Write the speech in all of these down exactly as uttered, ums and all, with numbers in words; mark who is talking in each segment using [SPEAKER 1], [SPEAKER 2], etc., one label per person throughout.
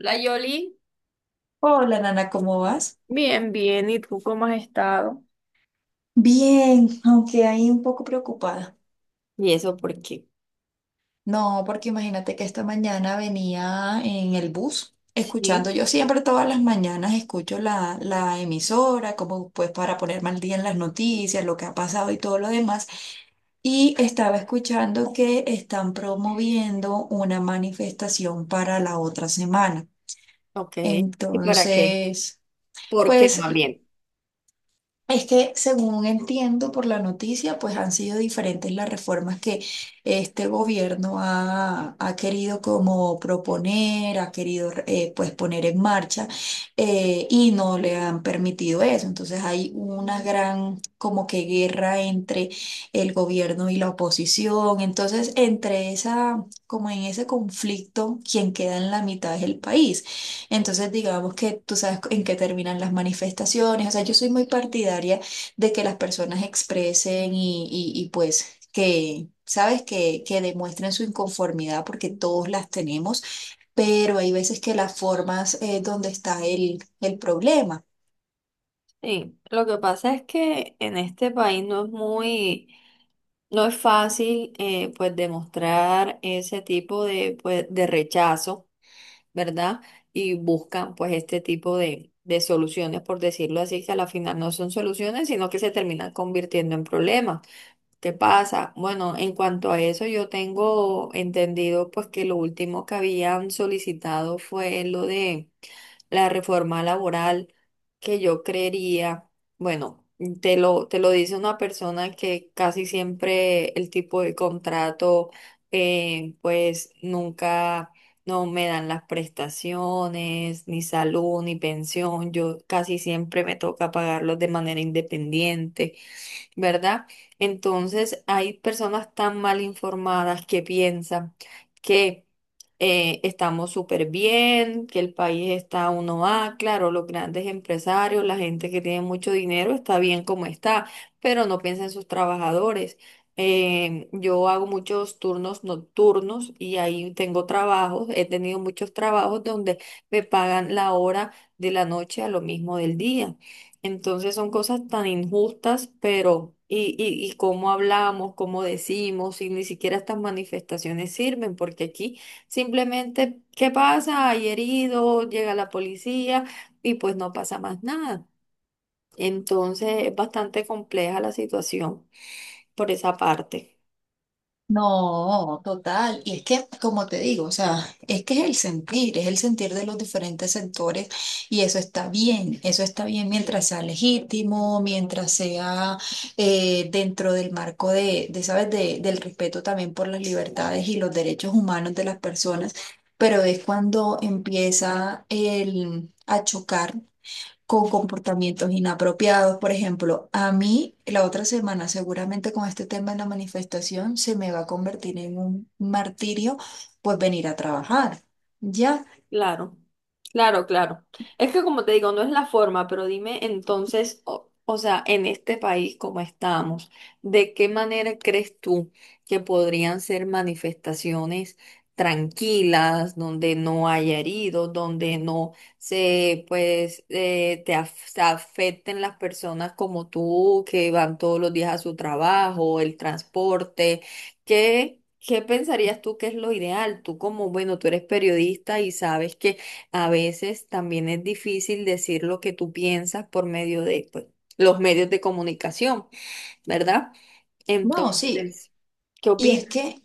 [SPEAKER 1] La Yoli.
[SPEAKER 2] Hola, Nana, ¿cómo vas?
[SPEAKER 1] Bien, bien. ¿Y tú cómo has estado?
[SPEAKER 2] Bien, aunque ahí un poco preocupada.
[SPEAKER 1] ¿Y eso por qué?
[SPEAKER 2] No, porque imagínate que esta mañana venía en el bus escuchando,
[SPEAKER 1] Sí.
[SPEAKER 2] yo siempre todas las mañanas escucho la, la emisora, como pues para ponerme al día en las noticias, lo que ha pasado y todo lo demás. Y estaba escuchando que están promoviendo una manifestación para la otra semana.
[SPEAKER 1] Ok. ¿Y para qué?
[SPEAKER 2] Entonces,
[SPEAKER 1] ¿Por qué
[SPEAKER 2] pues
[SPEAKER 1] más bien?
[SPEAKER 2] es que, según entiendo por la noticia, pues han sido diferentes las reformas que este gobierno ha, ha querido como proponer, ha querido eh, pues poner en marcha eh,, y no le han permitido eso. Entonces hay una gran como que guerra entre el gobierno y la oposición. Entonces, entre esa, como en ese conflicto, quien queda en la mitad es el país. Entonces, digamos que tú sabes en qué terminan las manifestaciones. O sea, yo soy muy partidaria de que las personas expresen y, y- y, pues que, sabes, que, que demuestren su inconformidad porque todos las tenemos, pero hay veces que las formas es donde está el, el problema.
[SPEAKER 1] Sí, lo que pasa es que en este país no es muy, no es fácil eh, pues demostrar ese tipo de, pues, de rechazo, ¿verdad? Y buscan pues este tipo de, de soluciones, por decirlo así, que a la final no son soluciones, sino que se terminan convirtiendo en problemas. ¿Qué pasa? Bueno, en cuanto a eso, yo tengo entendido pues que lo último que habían solicitado fue lo de la reforma laboral, que yo creería, bueno, te lo, te lo dice una persona que casi siempre el tipo de contrato, eh, pues nunca no me dan las prestaciones, ni salud, ni pensión, yo casi siempre me toca pagarlos de manera independiente. ¿Verdad? Entonces hay personas tan mal informadas que piensan que eh, estamos súper bien, que el país está uno a claro, los grandes empresarios, la gente que tiene mucho dinero está bien como está, pero no piensa en sus trabajadores. Eh, yo hago muchos turnos nocturnos y ahí tengo trabajos, he tenido muchos trabajos donde me pagan la hora de la noche a lo mismo del día. Entonces son cosas tan injustas, pero y, y, y cómo hablamos, cómo decimos, y ni siquiera estas manifestaciones sirven, porque aquí simplemente, ¿qué pasa? Hay herido, llega la policía y pues no pasa más nada. Entonces es bastante compleja la situación por esa parte.
[SPEAKER 2] No, total. Y es que, como te digo, o sea, es que es el sentir, es el sentir de los diferentes sectores y eso está bien, eso está bien mientras sea legítimo, mientras sea eh, dentro del marco de, de ¿sabes?, de, del respeto también por las libertades y los derechos humanos de las personas, pero es cuando empieza el, a chocar con comportamientos inapropiados. Por ejemplo, a mí la otra semana, seguramente con este tema de la manifestación, se me va a convertir en un martirio, pues venir a trabajar. Ya,
[SPEAKER 1] Claro, claro, claro. Es que como te digo, no es la forma, pero dime entonces, o, o sea, en este país como estamos, ¿de qué manera crees tú que podrían ser manifestaciones tranquilas, donde no haya heridos, donde no se, pues, eh, te af- se afecten las personas como tú que van todos los días a su trabajo, el transporte? ¿Qué, qué pensarías tú que es lo ideal? Tú como, bueno, tú eres periodista y sabes que a veces también es difícil decir lo que tú piensas por medio de, pues, los medios de comunicación, ¿verdad?
[SPEAKER 2] no, sí.
[SPEAKER 1] Entonces, ¿qué
[SPEAKER 2] Y es
[SPEAKER 1] opinas?
[SPEAKER 2] que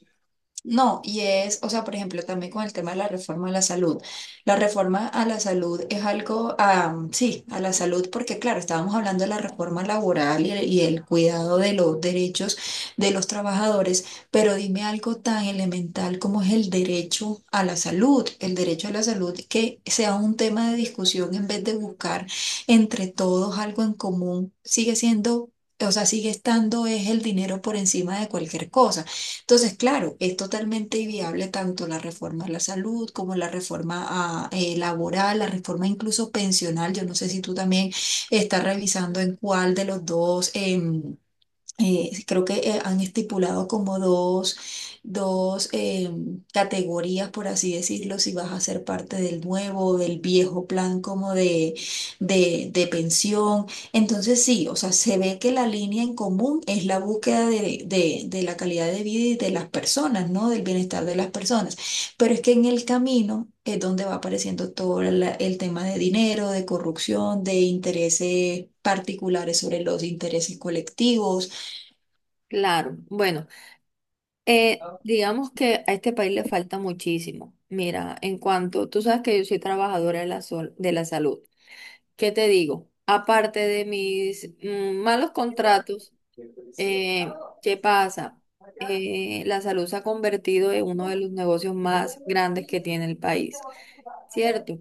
[SPEAKER 2] no, y es, o sea, por ejemplo, también con el tema de la reforma a la salud. La reforma a la salud es algo, am, sí, a la salud, porque claro, estábamos hablando de la reforma laboral y el, y el cuidado de los derechos de los trabajadores, pero dime algo tan elemental como es el derecho a la salud, el derecho a la salud que sea un tema de discusión en vez de buscar entre todos algo en común, sigue siendo... O sea, sigue estando es el dinero por encima de cualquier cosa. Entonces, claro, es totalmente viable tanto la reforma a la salud como la reforma a, eh, laboral, la reforma incluso pensional. Yo no sé si tú también estás revisando en cuál de los dos. Em, eh, sí, creo que eh, han estipulado como dos, dos em, categorías, por así decirlo, si vas a ser parte del nuevo o del viejo plan como de, de, de pensión. Entonces sí, o sea, se ve que la línea en común es la búsqueda de, de, de la calidad de vida y de las personas, ¿no? Del bienestar de las personas. Pero es que en el camino... es donde va apareciendo todo la- el tema de dinero, de corrupción, de intereses particulares sobre los intereses colectivos.
[SPEAKER 1] Claro, bueno, eh, digamos que a este país le falta muchísimo. Mira, en cuanto, tú sabes que yo soy trabajadora de la, sol- de la salud. ¿Qué te digo? Aparte de mis mm, malos contratos. Eh, ¿qué pasa? Eh, la salud se ha convertido en uno de los negocios más grandes que tiene el país, ¿cierto?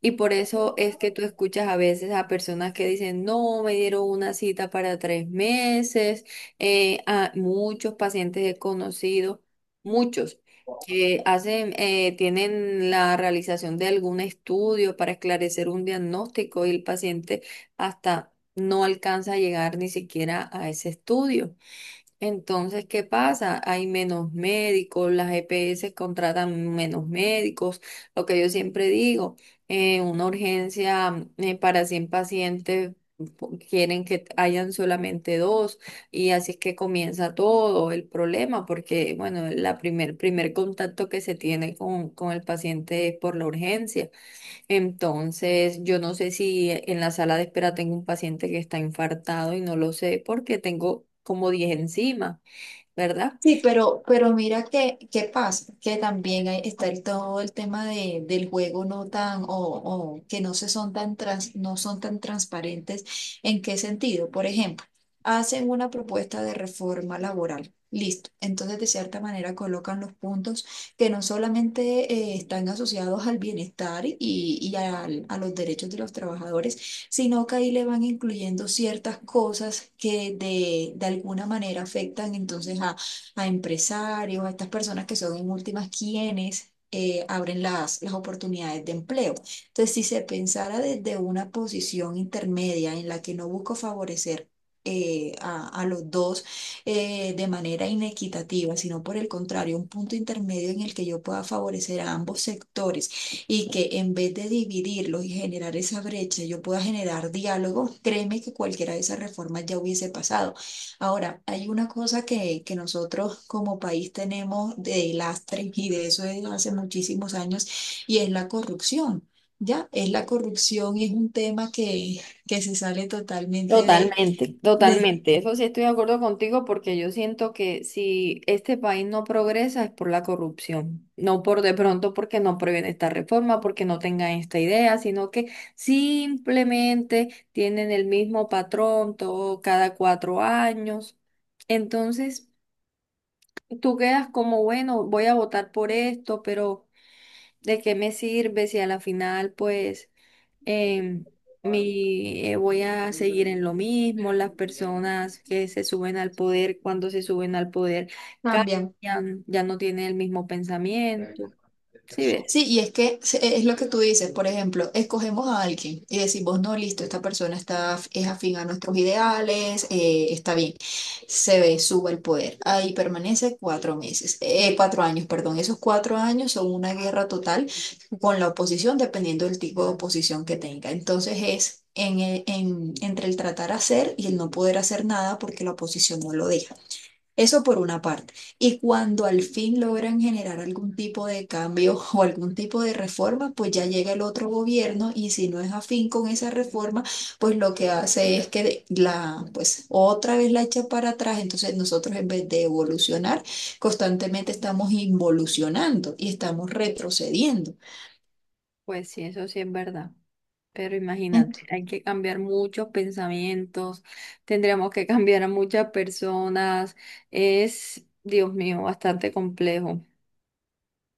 [SPEAKER 1] Y por eso es que tú escuchas a veces a personas que dicen, no, me dieron una cita para tres meses. Eh, a muchos pacientes he conocido, muchos, que hacen, eh, tienen la realización de algún estudio para esclarecer un diagnóstico y el paciente hasta no alcanza a llegar ni siquiera a ese estudio. Entonces, ¿qué pasa? Hay menos médicos, las E P S contratan menos médicos. Lo que yo siempre digo, eh, una urgencia eh, para cien pacientes po- quieren que hayan solamente dos, y así es que comienza todo el problema porque, bueno, la primer, primer contacto que se tiene con, con el paciente es por la urgencia. Entonces, yo no sé si eh, en la sala de espera tengo un paciente que está infartado y no lo sé porque tengo como diez encima. ¿Verdad?
[SPEAKER 2] Sí, pero, pero mira que, qué pasa, que también hay- está el- todo el tema de, del juego no tan, o, o que no se son tan trans- no son tan transparentes. ¿En qué sentido? Por ejemplo, hacen una propuesta de reforma laboral. Listo. Entonces, de cierta manera, colocan los puntos que no solamente eh, están asociados al bienestar y, y al- a los derechos de los trabajadores, sino que ahí le van incluyendo ciertas cosas que de, de alguna manera afectan entonces a a empresarios, a estas personas que son en últimas quienes eh, abren las, las oportunidades de empleo. Entonces, si se pensara desde una posición intermedia en la que no busco favorecer eh, a, a los dos eh, de manera inequitativa, sino por el contrario, un punto intermedio en el que yo pueda favorecer a ambos sectores y que en vez de dividirlos y generar esa brecha, yo pueda generar diálogo, créeme que cualquiera de esas reformas ya hubiese pasado. Ahora, hay una cosa que, que nosotros como país tenemos de lastre y de eso es hace muchísimos años y es la corrupción. Ya, es la corrupción y es un tema que, que se sale totalmente de,
[SPEAKER 1] Totalmente,
[SPEAKER 2] de
[SPEAKER 1] totalmente. Eso sí estoy de acuerdo contigo porque yo siento que si este país no progresa es por la corrupción, no por de pronto porque no previene esta reforma, porque no tengan esta idea, sino que simplemente tienen el mismo patrón todo cada cuatro años. Entonces, tú quedas como, bueno, voy a votar por esto, pero ¿de qué me sirve si a la final, pues... em, mi, eh, voy a seguir en lo mismo, las personas que se suben al poder, cuando se suben al poder,
[SPEAKER 2] cambiamos.
[SPEAKER 1] cambian, ya no tienen el mismo pensamiento. ¿Sí ves?
[SPEAKER 2] Sí, y es que se- e, es lo que tú dices, por ejemplo, escogemos a alguien y decimos, no, listo, esta persona está, af- es afín a nuestros ideales, eh, está bien, se ve, sube el poder, ahí permanece cuatro meses, eh, cuatro años, perdón, esos cuatro años son una guerra total con la oposición, dependiendo del tipo de oposición que tenga. Entonces es en, el- en- entre el tratar hacer y el no poder hacer nada porque la oposición no lo deja. Eso por una parte. Y cuando al fin logran generar algún tipo de cambio o algún tipo de reforma, pues ya llega el otro gobierno y si no es afín con esa reforma, pues lo que hace es que la, pues otra vez la echa para atrás. Entonces nosotros en vez de evolucionar, constantemente estamos involucionando y estamos retrocediendo.
[SPEAKER 1] Pues sí, eso sí es verdad. Pero imagínate, hay que cambiar muchos pensamientos, tendríamos que cambiar a muchas personas. Es, Dios mío, bastante complejo.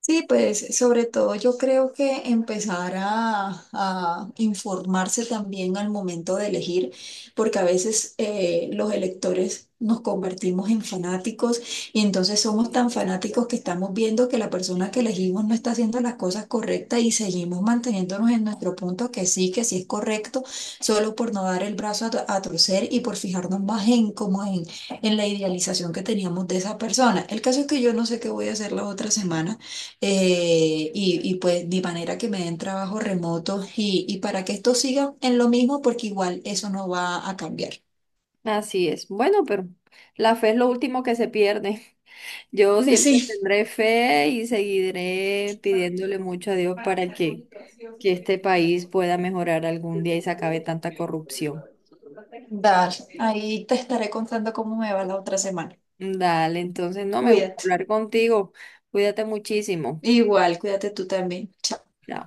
[SPEAKER 2] Sí, pues sobre todo yo creo que empezar a, a informarse también al momento de elegir, porque a veces eh, los electores nos convertimos en fanáticos y entonces somos tan fanáticos que estamos viendo que la persona que elegimos no está haciendo las cosas correctas y seguimos manteniéndonos en nuestro punto que sí, que sí es correcto, solo por no dar el brazo a, to- a torcer y por fijarnos más en como en, en la idealización que teníamos de esa persona. El caso es que yo no sé qué voy a hacer la otra semana. Eh, y, y pues de manera que me den trabajo remoto y, y para que esto siga en lo mismo, porque igual eso no va a cambiar.
[SPEAKER 1] Así es. Bueno, pero la fe es lo último que se pierde. Yo
[SPEAKER 2] Pues
[SPEAKER 1] siempre
[SPEAKER 2] sí,
[SPEAKER 1] tendré fe y seguiré pidiéndole mucho a Dios para que, que este país pueda mejorar algún día y se acabe tanta corrupción.
[SPEAKER 2] dale, ahí te estaré contando cómo me va la otra semana.
[SPEAKER 1] Dale, entonces no me gusta
[SPEAKER 2] Cuídate.
[SPEAKER 1] hablar contigo. Cuídate muchísimo.
[SPEAKER 2] Igual, cuídate tú también. Chao.
[SPEAKER 1] Chao.